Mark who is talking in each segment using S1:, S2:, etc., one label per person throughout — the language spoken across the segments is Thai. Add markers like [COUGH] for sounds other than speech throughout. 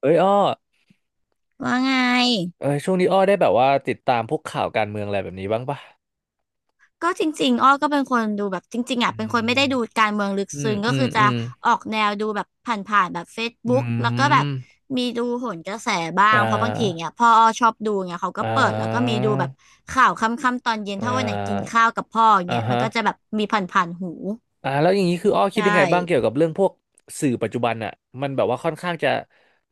S1: เอ้ยอ้อ
S2: ว่าไง
S1: เอ้ยช่วงนี้อ้อได้แบบว่าติดตามพวกข่าวการเมืองอะไรแบบนี้บ้างปะ
S2: ก็จริงๆอ้อก็เป็นคนดูแบบจริงๆ
S1: อื
S2: อ่ะเป็
S1: ม
S2: นคนไม่ได้ดูการเมืองลึก
S1: อืม
S2: ซึ้งก็
S1: อืม
S2: คือจะ
S1: อืม
S2: ออกแนวดูแบบผ่านๆแบบ
S1: อื
S2: Facebook แล้วก็แบบ
S1: ม
S2: มีดูโหนกระแสบ้า
S1: อ่
S2: งเพราะบางทีอย่าง
S1: า
S2: เงี้ยพ่ออ้อชอบดูเงี้ยเขาก็
S1: อ่
S2: เปิดแล้วก็มี
S1: า
S2: ดูแบบข่าวค่ำๆตอนเย็น
S1: อ่
S2: ถ้าวันไหนกิน
S1: า
S2: ข้าวกับพ่ออย่าง
S1: อ่า
S2: เงี้ยมั
S1: ฮะ
S2: นก็จะแบบมีผ่านๆหู
S1: อ่าแล้วอย่างนี้คืออ้อ
S2: ใช
S1: คิดยัง
S2: ่
S1: ไงบ้างเกี่ยวกับเรื่องพวกสื่อปัจจุบันอะมันแบบว่าค่อนข้างจะ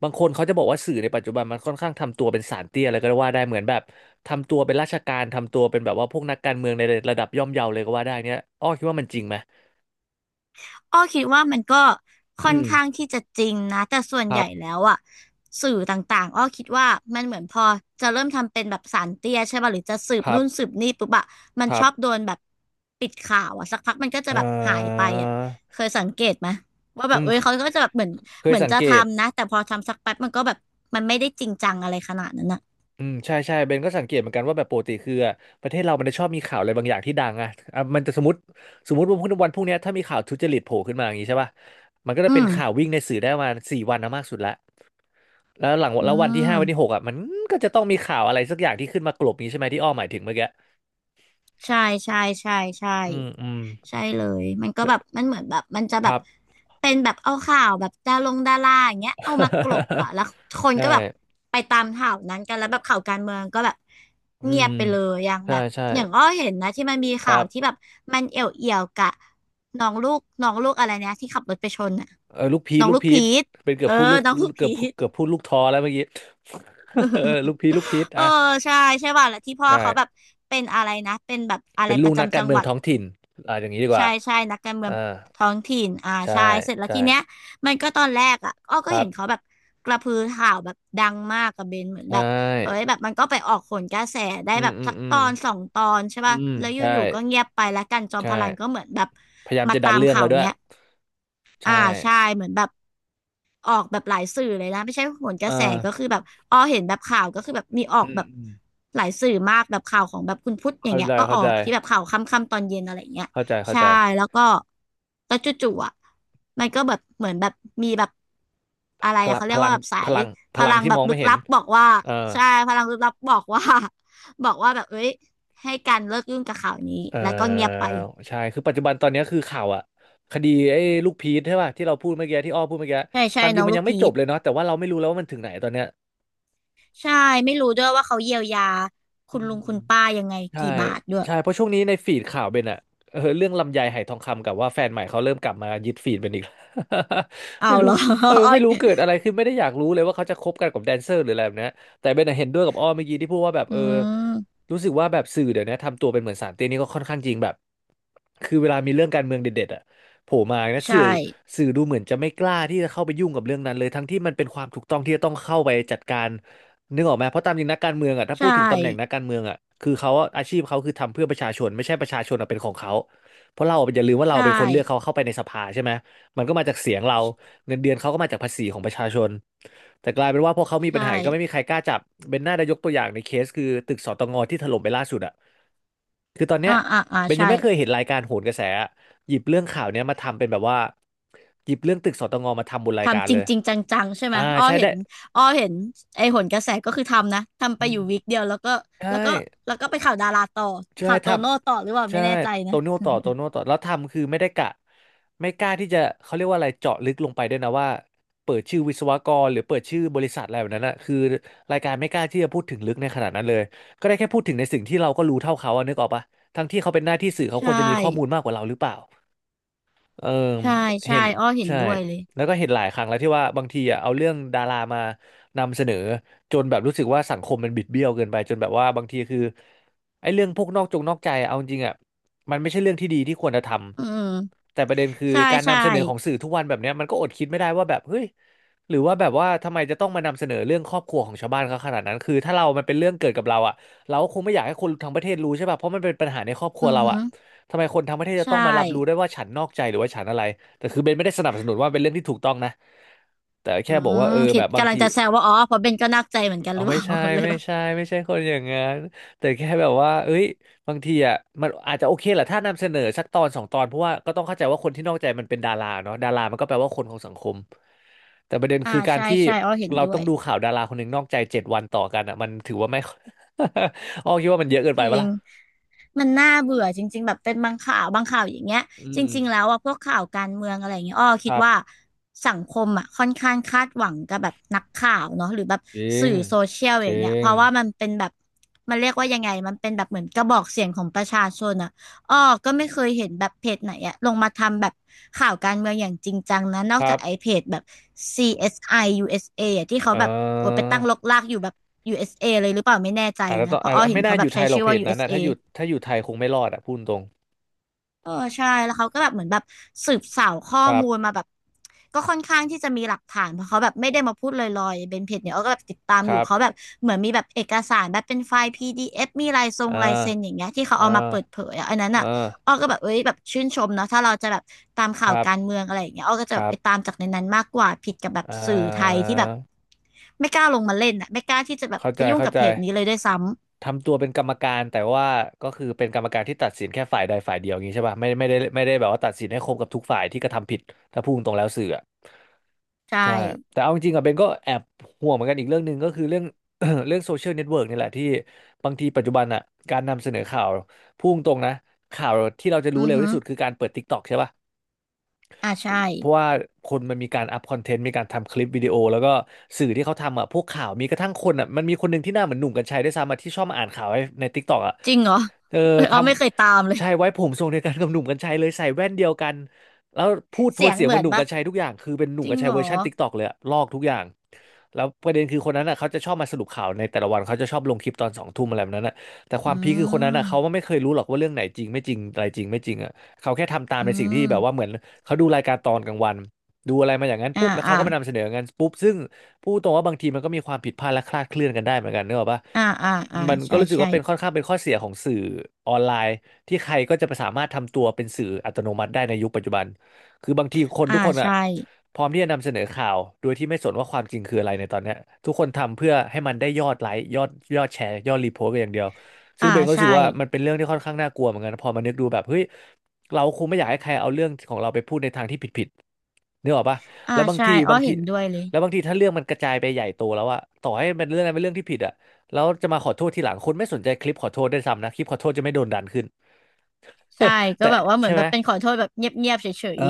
S1: บางคนเขาจะบอกว่าสื่อในปัจจุบันมันค่อนข้างทำตัวเป็นศาลเตี้ยอะไรก็ว่าได้เหมือนแบบทำตัวเป็นราชการทำตัวเป็นแบบว่าพวกนักการเมืองในระดับย่อมเยาเลยก็ว่าได้เนี้ยอ้อคิดว่ามันจริงไหม
S2: อ้อคิดว่ามันก็
S1: อื
S2: ค่อน
S1: ม
S2: ข้างที่จะจริงนะแต่ส่วน
S1: ค
S2: ให
S1: รั
S2: ญ่แล้
S1: บ
S2: วอะสื่อต่างๆอ้อคิดว่ามันเหมือนพอจะเริ่มทำเป็นแบบสารเตี้ยใช่ป่ะหรือจะสืบ
S1: ครั
S2: นู่น
S1: บ
S2: สืบนี่ปุ๊บอะมัน
S1: ครั
S2: ช
S1: บ
S2: อบโดนแบบปิดข่าวอะสักพักมันก็จะ
S1: เอ่
S2: แบบหายไป
S1: อ
S2: อะเคยสังเกตไหมว่า
S1: อื
S2: แบบ
S1: ม
S2: เอ้ยเขาก็จะแบบเหมือน
S1: เค
S2: เห
S1: ย
S2: มือน
S1: สัง
S2: จะ
S1: เกต
S2: ทำนะแต่พอทำสักแป๊บมันก็แบบมันไม่ได้จริงจังอะไรขนาดนั้นอะ
S1: อืมใช่ใช่เบนก็สังเกตเหมือนกันว่าแบบปกติคืออะประเทศเรามันจะชอบมีข่าวอะไรบางอย่างที่ดังอะอ่ะมันจะสมมติว่าพรุ่งนี้วันพรุ่งเนี้ยถ้ามีข่าวทุจริตโผล่ขึ้นมาอย่างนี้ใช่ป่ะมันก็จะ
S2: อื
S1: เป็น
S2: ม
S1: ข่าววิ่งในสื่อได้ประมาณ4วันนะมากสุดละแล้วหลัง
S2: อื
S1: แล้ววันที่5วันที่ห
S2: ม
S1: กอ่ะมันก็จะต้องมีข่าวอะไรสักอย่างที่ขึ้นมากลบนี้ใช่ไหมที่อ้อหมายถึงเมื่อกี้
S2: ใช่ใช่ใช่ใช่
S1: อืมอืม
S2: ใช่เลยมันก็แบบมันเหมือนแบบมันจะ
S1: ค
S2: แบบ
S1: รับ
S2: เป็นแบบเอาข่าวแบบดารงดาราอย่างเงี้ยเอามากลบอะแล้วค
S1: [LAUGHS]
S2: น
S1: ใช่
S2: ก็แบบไปตามข่าวนั้นกันแล้วแบบข่าวการเมืองก็แบบ
S1: อื
S2: เงีย
S1: ม
S2: บไปเลยอย่าง
S1: ใช่
S2: แบบ
S1: ใช่
S2: อย่างอ้อเห็นนะที่มันมี
S1: ค
S2: ข่า
S1: รั
S2: วที่แบ
S1: บ
S2: บมันเอี่ยวกะน้องลูกน้องลูกอะไรเนี่ยที่ขับรถไปชนอะ
S1: เออลูกพี
S2: น้
S1: ช
S2: อง
S1: ลูก
S2: ลูก
S1: พี
S2: พี
S1: ช
S2: ท
S1: เป็นเกื
S2: เอ
S1: อบ
S2: อ
S1: พูดลูก
S2: น้องลูก
S1: เกื
S2: พี
S1: อบพูด
S2: ท
S1: เกือบพูดลูกทอแล้วเมื่อกี้ [LAUGHS] เออลูกพีชลูกพีช
S2: [LAUGHS] เออ
S1: อ่ะ
S2: ใช่ใช่ป่ะแล้วที่พ่อ
S1: ใช่
S2: เขาแบบเป็นอะไรนะเป็นแบบอะไร
S1: เป็น
S2: ป
S1: ลูก
S2: ระ
S1: นัก
S2: จำ
S1: กา
S2: จั
S1: ร
S2: ง
S1: เมื
S2: ห
S1: อง
S2: วัด
S1: ท้องถิ่นอ่ะอย่างนี้ดีก
S2: ใช่
S1: ว่า
S2: ใช่นักการ
S1: เอ
S2: เมื
S1: อ
S2: องท้องถิ่นอ่า
S1: ใช่
S2: ใช่เสร็จแล้ว
S1: ใช่
S2: ทีเนี้ยมันก็ตอนแรกอ่ะอ้อ
S1: ค
S2: ก็
S1: รั
S2: เห็
S1: บ
S2: นเขาแบบกระพือข่าวแบบดังมากกับเบนเหมือน
S1: ใช
S2: แบบเอ้ย
S1: ่
S2: แบบมันก็ไปออกโหนกระแสได้
S1: อื
S2: แบ
S1: ม
S2: บ
S1: อืม
S2: สัก
S1: อื
S2: ต
S1: ม
S2: อนสองตอนใช่
S1: อื
S2: ป่ะ
S1: ม
S2: แล้วอ
S1: ใช่
S2: ยู่ๆก็เงียบไปแล้วกันจอมพ
S1: ใช่
S2: ลันก็เหมือนแบบ
S1: พยายาม
S2: มา
S1: จะดั
S2: ตา
S1: น
S2: ม
S1: เรื่อง
S2: ข่า
S1: แล้
S2: ว
S1: วด้วย
S2: เนี้ยอ่า
S1: ใช่
S2: ใช่เหมือนแบบ ออกแบบหลายสื่อเลยนะไม่ใช่ผลก
S1: เอ
S2: ระแส
S1: อ
S2: ก็คือแบบอ้อเห็นแบบข่าวก็คือแบบมีออ
S1: อื
S2: ก
S1: ม
S2: แบบ
S1: อืม
S2: หลายสื่อมากแบบข่าวของแบบคุณพุทธอย่าง
S1: เข้า
S2: เงี้ย
S1: ใจ
S2: ก็อ
S1: เข้า
S2: อ
S1: ใจ
S2: กที่แบบข่าวค่ำๆตอนเย็นอะไรอย่างเงี้ย
S1: เข้าใจเข้า
S2: ใช่
S1: ใจ
S2: แล้วก็แล้วจู่ๆอ่ะมันก็แบบเหมือนแบบมีแบบอะไร
S1: พ
S2: อะ
S1: ลัง
S2: เขาเรี
S1: พ
S2: ยก
S1: ลั
S2: ว่า
S1: ง
S2: แบบสา
S1: พ
S2: ย
S1: ลังพ
S2: พ
S1: ลัง
S2: ลัง
S1: ที่
S2: แบ
S1: ม
S2: บ
S1: อง
S2: ลึ
S1: ไม่
S2: ก
S1: เห็น
S2: ลับบอกว่า
S1: เออ
S2: ใช่พลังลึกลับบอกว่า [LAUGHS] บอกว่าแบบเอ้ยให้การเลิกยุ่งกับข่าวนี้
S1: เอ
S2: แล้วก็เงียบ
S1: อ
S2: ไป
S1: ใช่คือปัจจุบันตอนเนี้ยคือข่าวอะคดีไอ้ลูกพีชใช่ป่ะที่เราพูดเมื่อกี้ที่อ้อพูดเมื่อกี้
S2: ใช่ใช่
S1: ตามจริ
S2: น้อ
S1: ง
S2: ง
S1: มัน
S2: ลู
S1: ยั
S2: ก
S1: งไม่
S2: พี
S1: จบ
S2: ช
S1: เลยเนาะแต่ว่าเราไม่รู้แล้วว่ามันถึงไหนตอนเนี้ย
S2: ใช่ไม่รู้ด้วยว่าเขาเยียวยา
S1: อื
S2: คุณลุ
S1: ม
S2: งคุณป้ายังไง
S1: ใช่
S2: กี่บาทด้วย
S1: ใช่เพราะช่วงนี้ในฟีดข่าวเป็นอะเออเรื่องลำไยไหทองคำกับว่าแฟนใหม่เขาเริ่มกลับมายึดฟีดเป็นอีก [LAUGHS]
S2: เอา
S1: ไม่
S2: เห
S1: รู้
S2: รอ
S1: เออไม่รู้เกิดอะไรขึ้นไม่ได้อยากรู้เลยว่าเขาจะคบกันกับแดนเซอร์หรืออะไรแบบเนี้ยแต่เบนอะเห็นด้วยกับอ้อเมื่อกี้ที่พูดว่าแบบ
S2: [LAUGHS] อื
S1: เออ
S2: ม
S1: รู้สึกว่าแบบสื่อเดี๋ยวนี้ทำตัวเป็นเหมือนสารเตี้ยนี่ก็ค่อนข้างจริงแบบคือเวลามีเรื่องการเมืองเด็ดๆอะโผล่มานะ
S2: ใช่
S1: สื่อดูเหมือนจะไม่กล้าที่จะเข้าไปยุ่งกับเรื่องนั้นเลยทั้งที่มันเป็นความถูกต้องที่จะต้องเข้าไปจัดการ นึกออกไหมเพราะตามจริงนักการเมืองอ่ะถ้าพู
S2: ใช่
S1: ดถึงตำแหน่งนักการเมืองอ่ะคือเขาอะอาชีพเขาคือทำเพื่อประชาชนไม่ใช่ประชาชนอะเป็นของเขา เพราะเราอะอย่าลืมว่าเรา
S2: ใช่
S1: เป็นคนเลือกเขาเข้าไปในสภาใช่ไหมมันก็มาจากเสียงเรา เงินเดือนเขาก็มาจากภาษีของประชาชน แต่กลายเป็นว่าพอเขามีปัญ
S2: ใช่
S1: หาก็ไม่มีใครกล้าจับเป็นหน้าได้ยกตัวอย่างในเคสคือตึกสตงที่ถล่มไปล่าสุดอ่ะคือตอนเนี้ย
S2: อ่าอ่าอ่า
S1: เบนยั
S2: ใช่
S1: งไม่เคยเห็นรายการโหนกระแสอะหยิบเรื่องข่าวเนี้ยมาทำเป็นแบบว่าหยิบเรื่องตึกสตงมาทำบนรายการ
S2: ทำจ
S1: เล
S2: ริง
S1: ย
S2: จริงจังๆใช่ไหม
S1: อ่า
S2: อ้อ
S1: ใช่
S2: เห็
S1: ได้
S2: นอ้อเห็นไอ้หนกระแสก็คือทำนะทำไป
S1: อื
S2: อยู่
S1: ม
S2: วีคเดียวแล้วก็
S1: ใช่
S2: แล้วก็ไปข่าวดาราต่อ
S1: ใช่
S2: ข่าว
S1: ท
S2: โตโน่ต่อหรือเปล่า
S1: ำใช่
S2: ไม่แน่ใจ
S1: โต
S2: นะ
S1: โน่ต่อโตโน่ต่อแล้วทำคือไม่ได้กะไม่กล้าที่จะเขาเรียกว่าอะไรเจาะลึกลงไปด้วยนะว่าเปิดชื่อวิศวกรหรือเปิดชื่อบริษัทอะไรแบบนั้นนะคือรายการไม่กล้าที่จะพูดถึงลึกในขนาดนั้นเลยก็ได้แค่พูดถึงในสิ่งที่เราก็รู้เท่าเขาอะนึกออกปะทั้งที่เขาเป็นหน้าที่สื่อเขา
S2: ใช
S1: ควรจะมีข้อมูล
S2: ่
S1: มากกว่าเราหรือเปล่า เออ
S2: ใช่
S1: เห็
S2: ใช่
S1: น
S2: อ้อเห็น
S1: ใช่
S2: ด้วยเลย
S1: แล้วก็เห็นหลายครั้งแล้วที่ว่าบางทีอ่ะเอาเรื่องดารามานำเสนอจนแบบรู้สึกว่าสังคมมันบิดเบี้ยวเกินไปจนแบบว่าบางทีคือไอ้เรื่องพวกนอกจงนอกใจอะเอาจริงๆอ่ะมันไม่ใช่เรื่องที่ดีที่ควรจะท
S2: อืม
S1: ำแต่ประเด็นคือ
S2: ใช่
S1: การ
S2: ใช่
S1: นำเสนอของสื่อทุกวันแบบเนี้ยมันก็อดคิดไม่ได้ว่าแบบเฮ้ยหรือว่าแบบว่าทำไมจะต้องมานำเสนอเรื่องครอบครัวของชาวบ้านเขาขนาดนั้นคือถ้าเรามันเป็นเรื่องเกิดกับเราอ่ะเราก็คงไม่อยากให้คนทั้งประเทศรู้ใช่ป่ะเพราะมันเป็นปัญหาในครอบครัว
S2: อือ
S1: เรา
S2: ฮึ
S1: อ่ะ ทำไมคนทั้งประเทศจะต้
S2: ใช่
S1: องมารับรู้ได้ว่าฉันนอกใจหรือว่าฉันอะไรแต่คือเบนไม่ได้สนับสนุนว่าเป็นเรื่องที่ถูกต้องนะแต่
S2: อื
S1: แค่บอกว่า
S2: ม
S1: เออ
S2: คิ
S1: แบ
S2: ด
S1: บบาง
S2: กำลัง
S1: ที
S2: จะแซวว่าอ๋อเพราะเบนก็นักใจเหมือนกันหรื
S1: เอา
S2: อเป
S1: ไม่
S2: ล่า
S1: ใช่
S2: [LAUGHS] เลย
S1: ไม่
S2: แบบ
S1: ใช่ไม่ใช่คนอย่างนั้นแต่แค่แบบว่าเอ้ยบางทีอ่ะมันอาจจะโอเคแหละถ้านำเสนอสักตอนสองตอนเพราะว่าก็ต้องเข้าใจว่าคนที่นอกใจมันเป็นดาราเนาะดารามันก็แปลว่าคนของสังคม แต่ประเด็น
S2: อ่า
S1: คือการ
S2: ใช่
S1: ที่
S2: ใช่อ๋อเห็น
S1: เรา
S2: ด้ว
S1: ต้อง
S2: ย
S1: ดูข่าวดาราคนหนึ่งนอกใจ7 วันต่อกันอ่ะมันถือว่าไม่ [LAUGHS] อ้อคิดว่ามันเยอะเกิน
S2: จ
S1: ไปปะ
S2: ริง
S1: ล่ะ
S2: มันน่าเบื่อจริงๆแบบเป็นบางข่าวบางข่าวอย่างเงี้ย
S1: อื
S2: จริงๆแล้
S1: ม
S2: วอ่ะพวกข่าวการเมืองอะไรอย่างเงี้ยอ้อ
S1: ค
S2: คิด
S1: รั
S2: ว่า
S1: บ
S2: สังคมอ่ะค่อนข้างคาดหวังกับแบบนักข่าวเนาะหรือแบบ
S1: จริ
S2: สื่
S1: ง
S2: อโซเชียล
S1: จ
S2: อย่าง
S1: ริ
S2: เงี้ยเพ
S1: ง
S2: ราะว่ามันเป็นแบบมันเรียกว่ายังไงมันเป็นแบบเหมือนกระบอกเสียงของประชาชนอ่ะ อ้อก็ไม่เคยเห็นแบบเพจไหนอะลงมาทำแบบข่าวการเมืองอย่างจริงจังนะนอ
S1: ค
S2: ก
S1: รั
S2: จากไอ้
S1: บ
S2: เพจแบบ CSI USA อสไอยูเอสเออะที่เขา
S1: เอ่
S2: แบบโอยไป
S1: อ
S2: ตั้งรกรากอยู่แบบ USA เอสเอเลยหรือเปล่าไม่แน่ใจ
S1: อาจจะ
S2: นะ
S1: ต้อง
S2: เพ
S1: อา
S2: ราะ
S1: จ
S2: อ้อเห็
S1: ไม่
S2: น
S1: น่า
S2: เขา
S1: อ
S2: แบ
S1: ยู่
S2: บ
S1: ไท
S2: ใช้
S1: ยหรอก
S2: ชื่อ
S1: เพ
S2: ว่า
S1: จนั้นนะ
S2: USA
S1: ถ้าอยู่ไทยคงไม่รอดอ่ะพูดตรง
S2: เออใช่แล้วเขาก็แบบเหมือนแบบสืบสาวข้อ
S1: ครั
S2: มูลมา
S1: บ
S2: แบบก็ค่อนข้างที่จะมีหลักฐานเพราะเขาแบบไม่ได้มาพูดลอยๆเบนเพจเนี่ยเขาก็แบบติดตาม
S1: ค
S2: อยู่
S1: รับ
S2: เขาแบบเหมือนมีแบบเอกสารแบบเป็นไฟล์ PDF มีลายทรง
S1: เอ่า
S2: ลายเซ็น
S1: อ
S2: อย่างเงี้ยที่เขา
S1: เอ่
S2: เอามา
S1: า
S2: เปิดเผยอะอันนั้น
S1: เอ
S2: อ่ะ
S1: อ
S2: อ้อก็แบบเอ้ยแบบชื่นชมเนาะถ้าเราจะแบบตาม
S1: ค
S2: ข่าว
S1: รั
S2: การ
S1: บ
S2: เมืองอะไรอย่างเงี้ยอ้อก็จะ
S1: ค
S2: แบบ
S1: รั
S2: ไปตา
S1: บ
S2: มจากในนั้นมากกว่าผิดกับแบบ
S1: เอ่อ
S2: สื่อไทยที่แบบไม่กล้าลงมาเล่นอ่ะไม่กล้าที่จะแบบ
S1: เข้า
S2: ไป
S1: ใจ
S2: ยุ่ง
S1: เข้า
S2: กับ
S1: ใจ
S2: เพจนี้เลยด้วยซ้
S1: ทำตัวเป็นกรรมการแต่ว่าก็คือเป็นกรรมการที่ตัดสินแค่ฝ่ายใดฝ่ายเดียวอย่างนี้ใช่ป่ะไม่ได้แบบว่าตัดสินให้ครบกับทุกฝ่ายที่กระทำผิดถ้าพูดตรงแล้วสื่ออะ
S2: ำใช่
S1: ใช่แต่เอาจริงๆอะเบนก็แอบห่วงเหมือนกันอีกเรื่องหนึ่งก็คือเรื่อง [COUGHS] เรื่องโซเชียลเน็ตเวิร์กนี่แหละที่บางทีปัจจุบันอ่ะการนำเสนอข่าวพุ่งตรงนะข่าวที่เราจะรู้
S2: อือ
S1: เร็ว
S2: ฮึ
S1: ที่สุดคือการเปิด TikTok ใช่ป่ะ
S2: อ่าใช่
S1: เพราะว่าคนมันมีการอัพคอนเทนต์มีการทำคลิปวิดีโอแล้วก็สื่อที่เขาทำอ่ะพวกข่าวมีกระทั่งคนอ่ะมันมีคนหนึ่งที่หน้าเหมือนหนุ่มกรรชัยด้วยซ้ำอะที่ชอบมาอ่านข่าวให้ใน t ิ k กต k อกอ่ะ
S2: จริงเหรอ
S1: เออ
S2: เอย
S1: ท
S2: อ๋อไม่เคยตามเล
S1: ำ
S2: ย
S1: ใช่ไว้ผมทรงเดียวกันกับหนุ่มกรรชัยเลยใส่แว่นเดียวกันแล้วพูดโท
S2: เสี
S1: น
S2: ยง
S1: เสียง
S2: เห
S1: เห
S2: มื
S1: มือ
S2: อ
S1: น
S2: น
S1: หนุ่มก
S2: ปะ
S1: รรชัยทุกอย่างคือเป็นหนุ่
S2: จ
S1: ม
S2: ริ
S1: กร
S2: ง
S1: รชัย
S2: เหร
S1: เว
S2: อ
S1: อร์ชันติ๊กตอกเลยอะลอกทุกอย่างแล้วประเด็นคือคนนั้นอ่ะเขาจะชอบมาสรุปข่าวในแต่ละวันเขาจะชอบลงคลิปตอนสองทุ่มอะไรแบบนั้นอ่ะแต่ค
S2: อื
S1: วามพีคคือคนนั้นอ่ะเขา
S2: ม
S1: ไม่เคยรู้หรอกว่าเรื่องไหนจริงไม่จริงอะไรจริงไม่จริงอ่ะเขาแค่ทำตาม
S2: อื
S1: ในสิ่งที่
S2: ม
S1: แบบว่าเหมือนเขาดูรายการตอนกลางวันดูอะไรมาอย่างนั้นปุ๊
S2: อ่า
S1: บแล้วเขา
S2: อ่า
S1: ก็มานำเสนอกันปุ๊บซึ่งพูดตรงว่าบางทีมันก็มีความผิดพลาดและคลาดเคลื่อนกันได้เหมือนกันเนกอะปะ
S2: อ่าอ่าอ่า
S1: มันก็
S2: ใช่
S1: รู้สึก
S2: ใช่
S1: ว่าเป็นค่อนข้างเป็นข้อเสียของสื่อออนไลน์ที่ใครก็จะสามารถทำตัวเป็นสื่ออัตโนมัติได้ในยุคปัจจุบัน คือบางทีคน
S2: อ่า
S1: ทุกคนอ่ะ
S2: ใช่
S1: พร้อมที่จะนำเสนอข่าวโดยที่ไม่สนว่าความจริงคืออะไรในตอนเนี้ยทุกคนทำเพื่อให้มันได้ยอดไลค์ยอดยอดแชร์ยอดรีโพสต์ไปอย่างเดียว ซึ่
S2: อ่า
S1: งเบนก็รู้
S2: ใช่
S1: สึกว่ามันเป็นเรื่องที่ค่อนข้างน่ากลัวเหมือนกันนะพอมานึกดูแบบเฮ้ยเราคงไม่อยากให้ใครเอาเรื่องของเราไปพูดในทางที่ผิดๆนึกออกปะ
S2: อ่า
S1: แล้ว
S2: ใช่อ้อเห็นด้วยเลย
S1: บางทีถ้าเรื่องมันกระจายไปใหญ่โตแล้วอะต่อให้มันเรื่องอะไรเป็นเรื่องที่ผิดอะ แล้วจะมาขอโทษทีหลังคนไม่สนใจคลิปขอโทษด้วยซ้ำนะคลิปขอโทษจะไม่โดนดันขึ้น
S2: ใช่
S1: [LAUGHS]
S2: ก็
S1: แต่
S2: แบบว่าเหมือ
S1: ใช่
S2: นแบ
S1: ไหม
S2: บเป็นขอโทษแบบเงียบๆเฉ
S1: เอ
S2: ย
S1: อ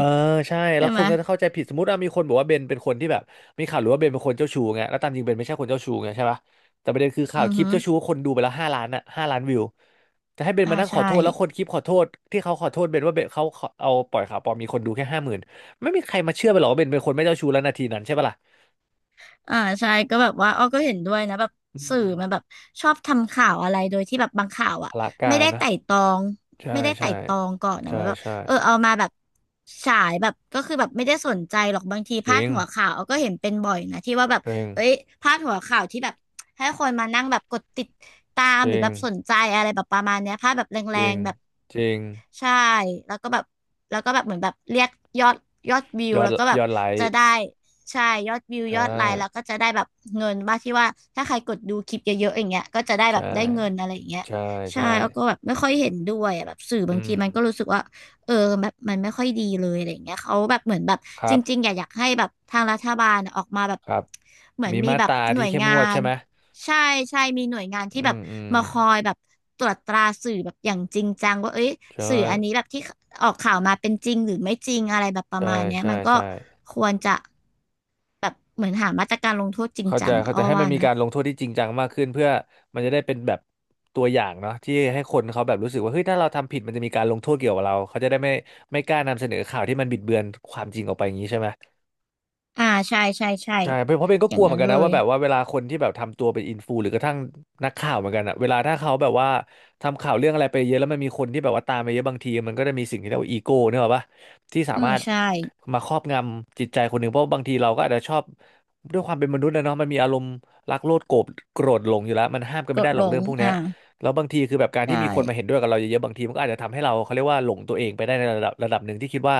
S1: ใช่
S2: ๆ
S1: แล้
S2: ใช่
S1: วค
S2: ไหม
S1: นก็จะเข้าใจผิดสมมติว่ามีคนบอกว่าเบนเป็นคนที่แบบมีข่าวหรือว่าเบนเป็นคนเจ้าชู้ไงแล้วตามจริงเบนไม่ใช่คนเจ้าชู้ไงใช่ปะแต่ประเด็นคือข่าว
S2: อือ
S1: คลิป
S2: ฮึ
S1: เจ้าชู้คนดูไปแล้วห้าล้านอ่ะ5 ล้านวิวจะให้เบน
S2: อ่า
S1: มานั่งขอ
S2: ใช่
S1: โทษแล้วคนคลิปขอโทษที่เขาขอโทษเบนว่าเบนเขาเอาปล่อยข่าวปลอมมีคนดูแค่50,000ไม่มีใครมาเชื่อไปหรอกว่าเบนเป็นคนไม่เจ้าชู้แล้วนาทีนั้นใช่ปะล่ะ
S2: อ่าใช่ก็แบบว่าอ้อก็เห็นด้วยนะแบบ
S1: อื
S2: สื่อ
S1: ม
S2: มันแบบชอบทำข่าวอะไรโดยที่แบบบางข่าวอ่ะ
S1: พละกา
S2: ไม่
S1: ร
S2: ได้
S1: นะ
S2: ไต่ตองไม่
S1: ใช่
S2: ได้ไต่
S1: ใช่
S2: ตองก่อนนะมั
S1: ใช่
S2: นแบบ
S1: ใช่
S2: เออเอามาแบบฉายแบบก็คือแบบไม่ได้สนใจหรอกบางที
S1: จ
S2: พา
S1: ริ
S2: ด
S1: ง
S2: หัวข่าวอ้อก็เห็นเป็นบ่อยนะที่ว่าแบบ
S1: จริง
S2: เอ้ยพาดหัวข่าวที่แบบให้คนมานั่งแบบกดติดตาม
S1: จ
S2: หรื
S1: ริ
S2: อ
S1: ง
S2: แบบสนใจอะไรแบบประมาณเนี้ยพาดแบบ
S1: จ
S2: แร
S1: ริง
S2: งๆแบบ
S1: จริง
S2: ใช่แล้วก็แบบเหมือนแบบเรียกยอดวิว
S1: ยอด
S2: แล้วก็แบ
S1: ย
S2: บ
S1: อดไล
S2: จะ
S1: ค์
S2: ได้ใช่ยอดวิว
S1: ใช่
S2: ยอดไลค์แล้วก็จะได้แบบเงินบ้างที่ว่าถ้าใครกดดูคลิปเยอะๆอย่างเงี้ยก็จะได้แบ
S1: ใช่
S2: บได้เงินอะไรอย่างเงี้ย
S1: ใช่
S2: ใช่
S1: ใช่
S2: แล้วก็แบบไม่ค่อยเห็นด้วยอะแบบสื่อ
S1: อื
S2: บาง
S1: ม
S2: ทีมันก็รู้สึกว่าเออแบบมันไม่ค่อยดีเลยอะไรอย่างเงี้ยเขาแบบเหมือนแบบ
S1: ค
S2: จ
S1: รับ
S2: ริงๆอยากให้แบบทางรัฐบาลอะออกมาแบบ
S1: ครับ
S2: เหมือน
S1: มี
S2: มี
S1: มา
S2: แบ
S1: ต
S2: บ
S1: รา
S2: หน่
S1: ที่
S2: วย
S1: เข้ม
S2: งา
S1: งวด
S2: น
S1: ใช่ไหม
S2: ใช่ใช่มีหน่วยงานที่
S1: อื
S2: แบบ
S1: มอืม
S2: มาคอยแบบตรวจตราสื่อแบบอย่างจริงจังว่าเอ้ย
S1: ใช่
S2: สื่ออันนี้แบบที่ออกข่าวมาเป็นจริงหรือไม่จริงอะไรแบบประ
S1: ใช่
S2: มาณเนี้ย
S1: ใช่
S2: มันก็
S1: ใช่
S2: ควรจะแบบเหมือนหามาตรการลงโทษจริง
S1: เข้าใจ
S2: จังอะ
S1: เข้าใจ
S2: อ้อ
S1: ให้มั
S2: ว่า
S1: นมี
S2: นะ
S1: การลงโทษที่จริงจังมากขึ้นเพื่อมันจะได้เป็นแบบตัวอย่างเนาะที่ให้คนเขาแบบรู้สึกว่าเฮ้ยถ้าเราทำผิดมันจะมีการลงโทษเกี่ยวกับเราเขาจะได้ไม่กล้านำเสนอข่าวที่มันบิดเบือนความจริงออกไปอย่างนี้ใช่ไหม
S2: อ่าใช่ใช่ใช่
S1: ใช่เพราะเป็นก็
S2: อ
S1: ก
S2: ย่าง
S1: ลัวเหมื
S2: นั้
S1: อน
S2: น
S1: กัน
S2: เล
S1: นะว่า
S2: ย
S1: แบบว่าเวลาคนที่แบบทำตัวเป็นอินฟูหรือกระทั่งนักข่าวเหมือนกันอะเวลาถ้าเขาแบบว่าทำข่าวเรื่องอะไรไปเยอะแล้วมันมีคนที่แบบว่าตามไปเยอะบางทีมันก็จะมีสิ่งที่เรียกว่าอีโก้เนี่ยหรอกปะที่สา
S2: อืม
S1: มารถ
S2: ใช่
S1: มาครอบงำจิตใจคนหนึ่งเพราะบางทีเราก็อาจจะชอบด้วยความเป็นมนุษย์นะเนาะมันมีอารมณ์รักโลภโกรธหลงอยู่แล้วมันห้ามกัน
S2: ก
S1: ไม่ได้
S2: ด
S1: หรอ
S2: ล
S1: ก
S2: ง
S1: เรื่องพวกเนี้ย
S2: อ่า
S1: แล้วบางทีคือแบบการ
S2: ใช
S1: ที่มีคนมาเห็
S2: ่
S1: นด้วยกับเราเยอะๆบางทีมันก็อาจจะทำให้เราเขาเรียกว่าหลงตัวเองไปได้ในระดับหนึ่งที่คิดว่า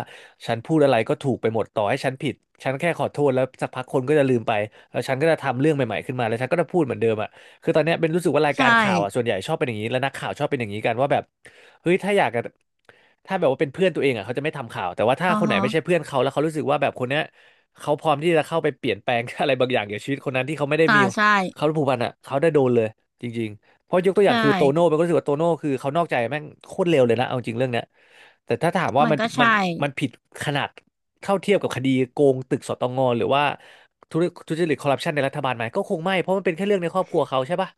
S1: ฉันพูดอะไรก็ถูกไปหมดต่อให้ฉันผิดฉันแค่ขอโทษแล้วสักพักคนก็จะลืมไปแล้วฉันก็จะทำเรื่องใหม่ๆขึ้นมาแล้วฉันก็จะพูดเหมือนเดิมอ่ะคือตอนเนี้ยเป็นรู้สึกว่ารายกา
S2: ใช่
S1: รข่าวอ่ะส่วนใหญ่ชอบเป็นอย่างนี้และนักข่าวชอบเป็นอย่างนี้กันว่าแบบเฮ้ยถ้าอยากจะถ้าแบบว่าเป็นเพื่อนตัวเองอ่ะเขาจะไม่ทำข่าวแต่ว่าถ้า
S2: อ๋อ
S1: คนไหนไม่ใช่
S2: ฮะ
S1: เพื่อนเขาแล้วเขารู้สึกว่าแบบคนเนี้ยเขาพร้อมที่จะเข้าไปเปลี่ยนแปลง [LAUGHS] อะไรบางอย่างเกี่ยวกับชีวิตคนนั้นที่เขาไม่ได้มี
S2: อ่าใช่
S1: เขาผูกพันอ่ะเขาได้โดนเลยจริง เพราะยกตัวอ
S2: ใช
S1: ย่างคือโตโน่
S2: ่
S1: มันก็รู้สึกว่าโตโน่คือเขานอกใจแม่งโคตรเร็วเลยนะเอาจริงเรื่องเนี้ยแต่ถ้าถามว่า
S2: มัน
S1: มัน
S2: ก็
S1: มัน
S2: ใช่
S1: มันผิดขนาดเท่าเทียบกับคดีโกงตึกสตงหรือว่าทุจทุจริตคอร์รัปชันในรัฐบาลไหมก็คงไม่เพราะมันเป็นแค่เรื่องในครอบครัวเขาใช่ปะ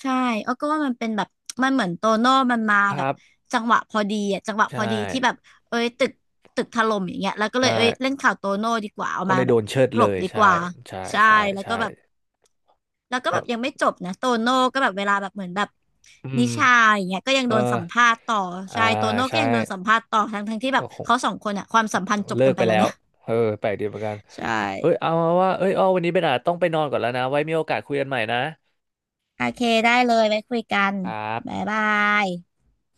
S2: ใช่เออก็ว่ามันเป็นแบบมันเหมือนโตโน่มันมา
S1: ค
S2: แบ
S1: รั
S2: บ
S1: บ
S2: จังหวะพอดีอ่ะจังหวะพ
S1: ใช่
S2: อดีที่แบบเอ้ยตึกถล่มอย่างเงี้ยแล้วก็เล
S1: ใช่
S2: ยเอ้ยเล่นข่าวโตโน่ดีกว่าเอา
S1: ก็
S2: มา
S1: เลย
S2: แบ
S1: โด
S2: บ
S1: นเชิด
S2: กล
S1: เล
S2: บ
S1: ย
S2: ดีก
S1: ใช่
S2: ว่า
S1: ใช่
S2: ใช่
S1: ใช่
S2: แล้วก็
S1: ใช่
S2: แบบ
S1: ก็
S2: ยังไม่จบนะโตโน่ก็แบบเวลาแบบเหมือนแบบ
S1: อื
S2: นิ
S1: ม
S2: ชาอย่างเงี้ยก็ยัง
S1: เออ
S2: โดนสัมภาษณ์ต่อ
S1: อ่า
S2: ใช่โตโน่ก็
S1: ใช่
S2: ยังโดนสัมภาษณ์ต่อทั้งที่แบบ
S1: ก็คง
S2: เขาสองคนอ่ะความสัมพันธ์จบ
S1: เลิ
S2: กัน
S1: ก
S2: ไป
S1: ไป
S2: แล้
S1: แล้
S2: ว
S1: ว
S2: นะ
S1: เออแปลกดีเหมือนกัน
S2: ใช
S1: เฮ้ย
S2: ่
S1: เอามาว่าเอ้ยอ้อวันนี้เบนอาจต้องไปนอนก่อนแล้วนะไว้มีโอกาสคุยกันใหม่นะ
S2: โอเคได้เลยไว้คุยกัน
S1: ครั
S2: บ๊า
S1: บ
S2: ยบาย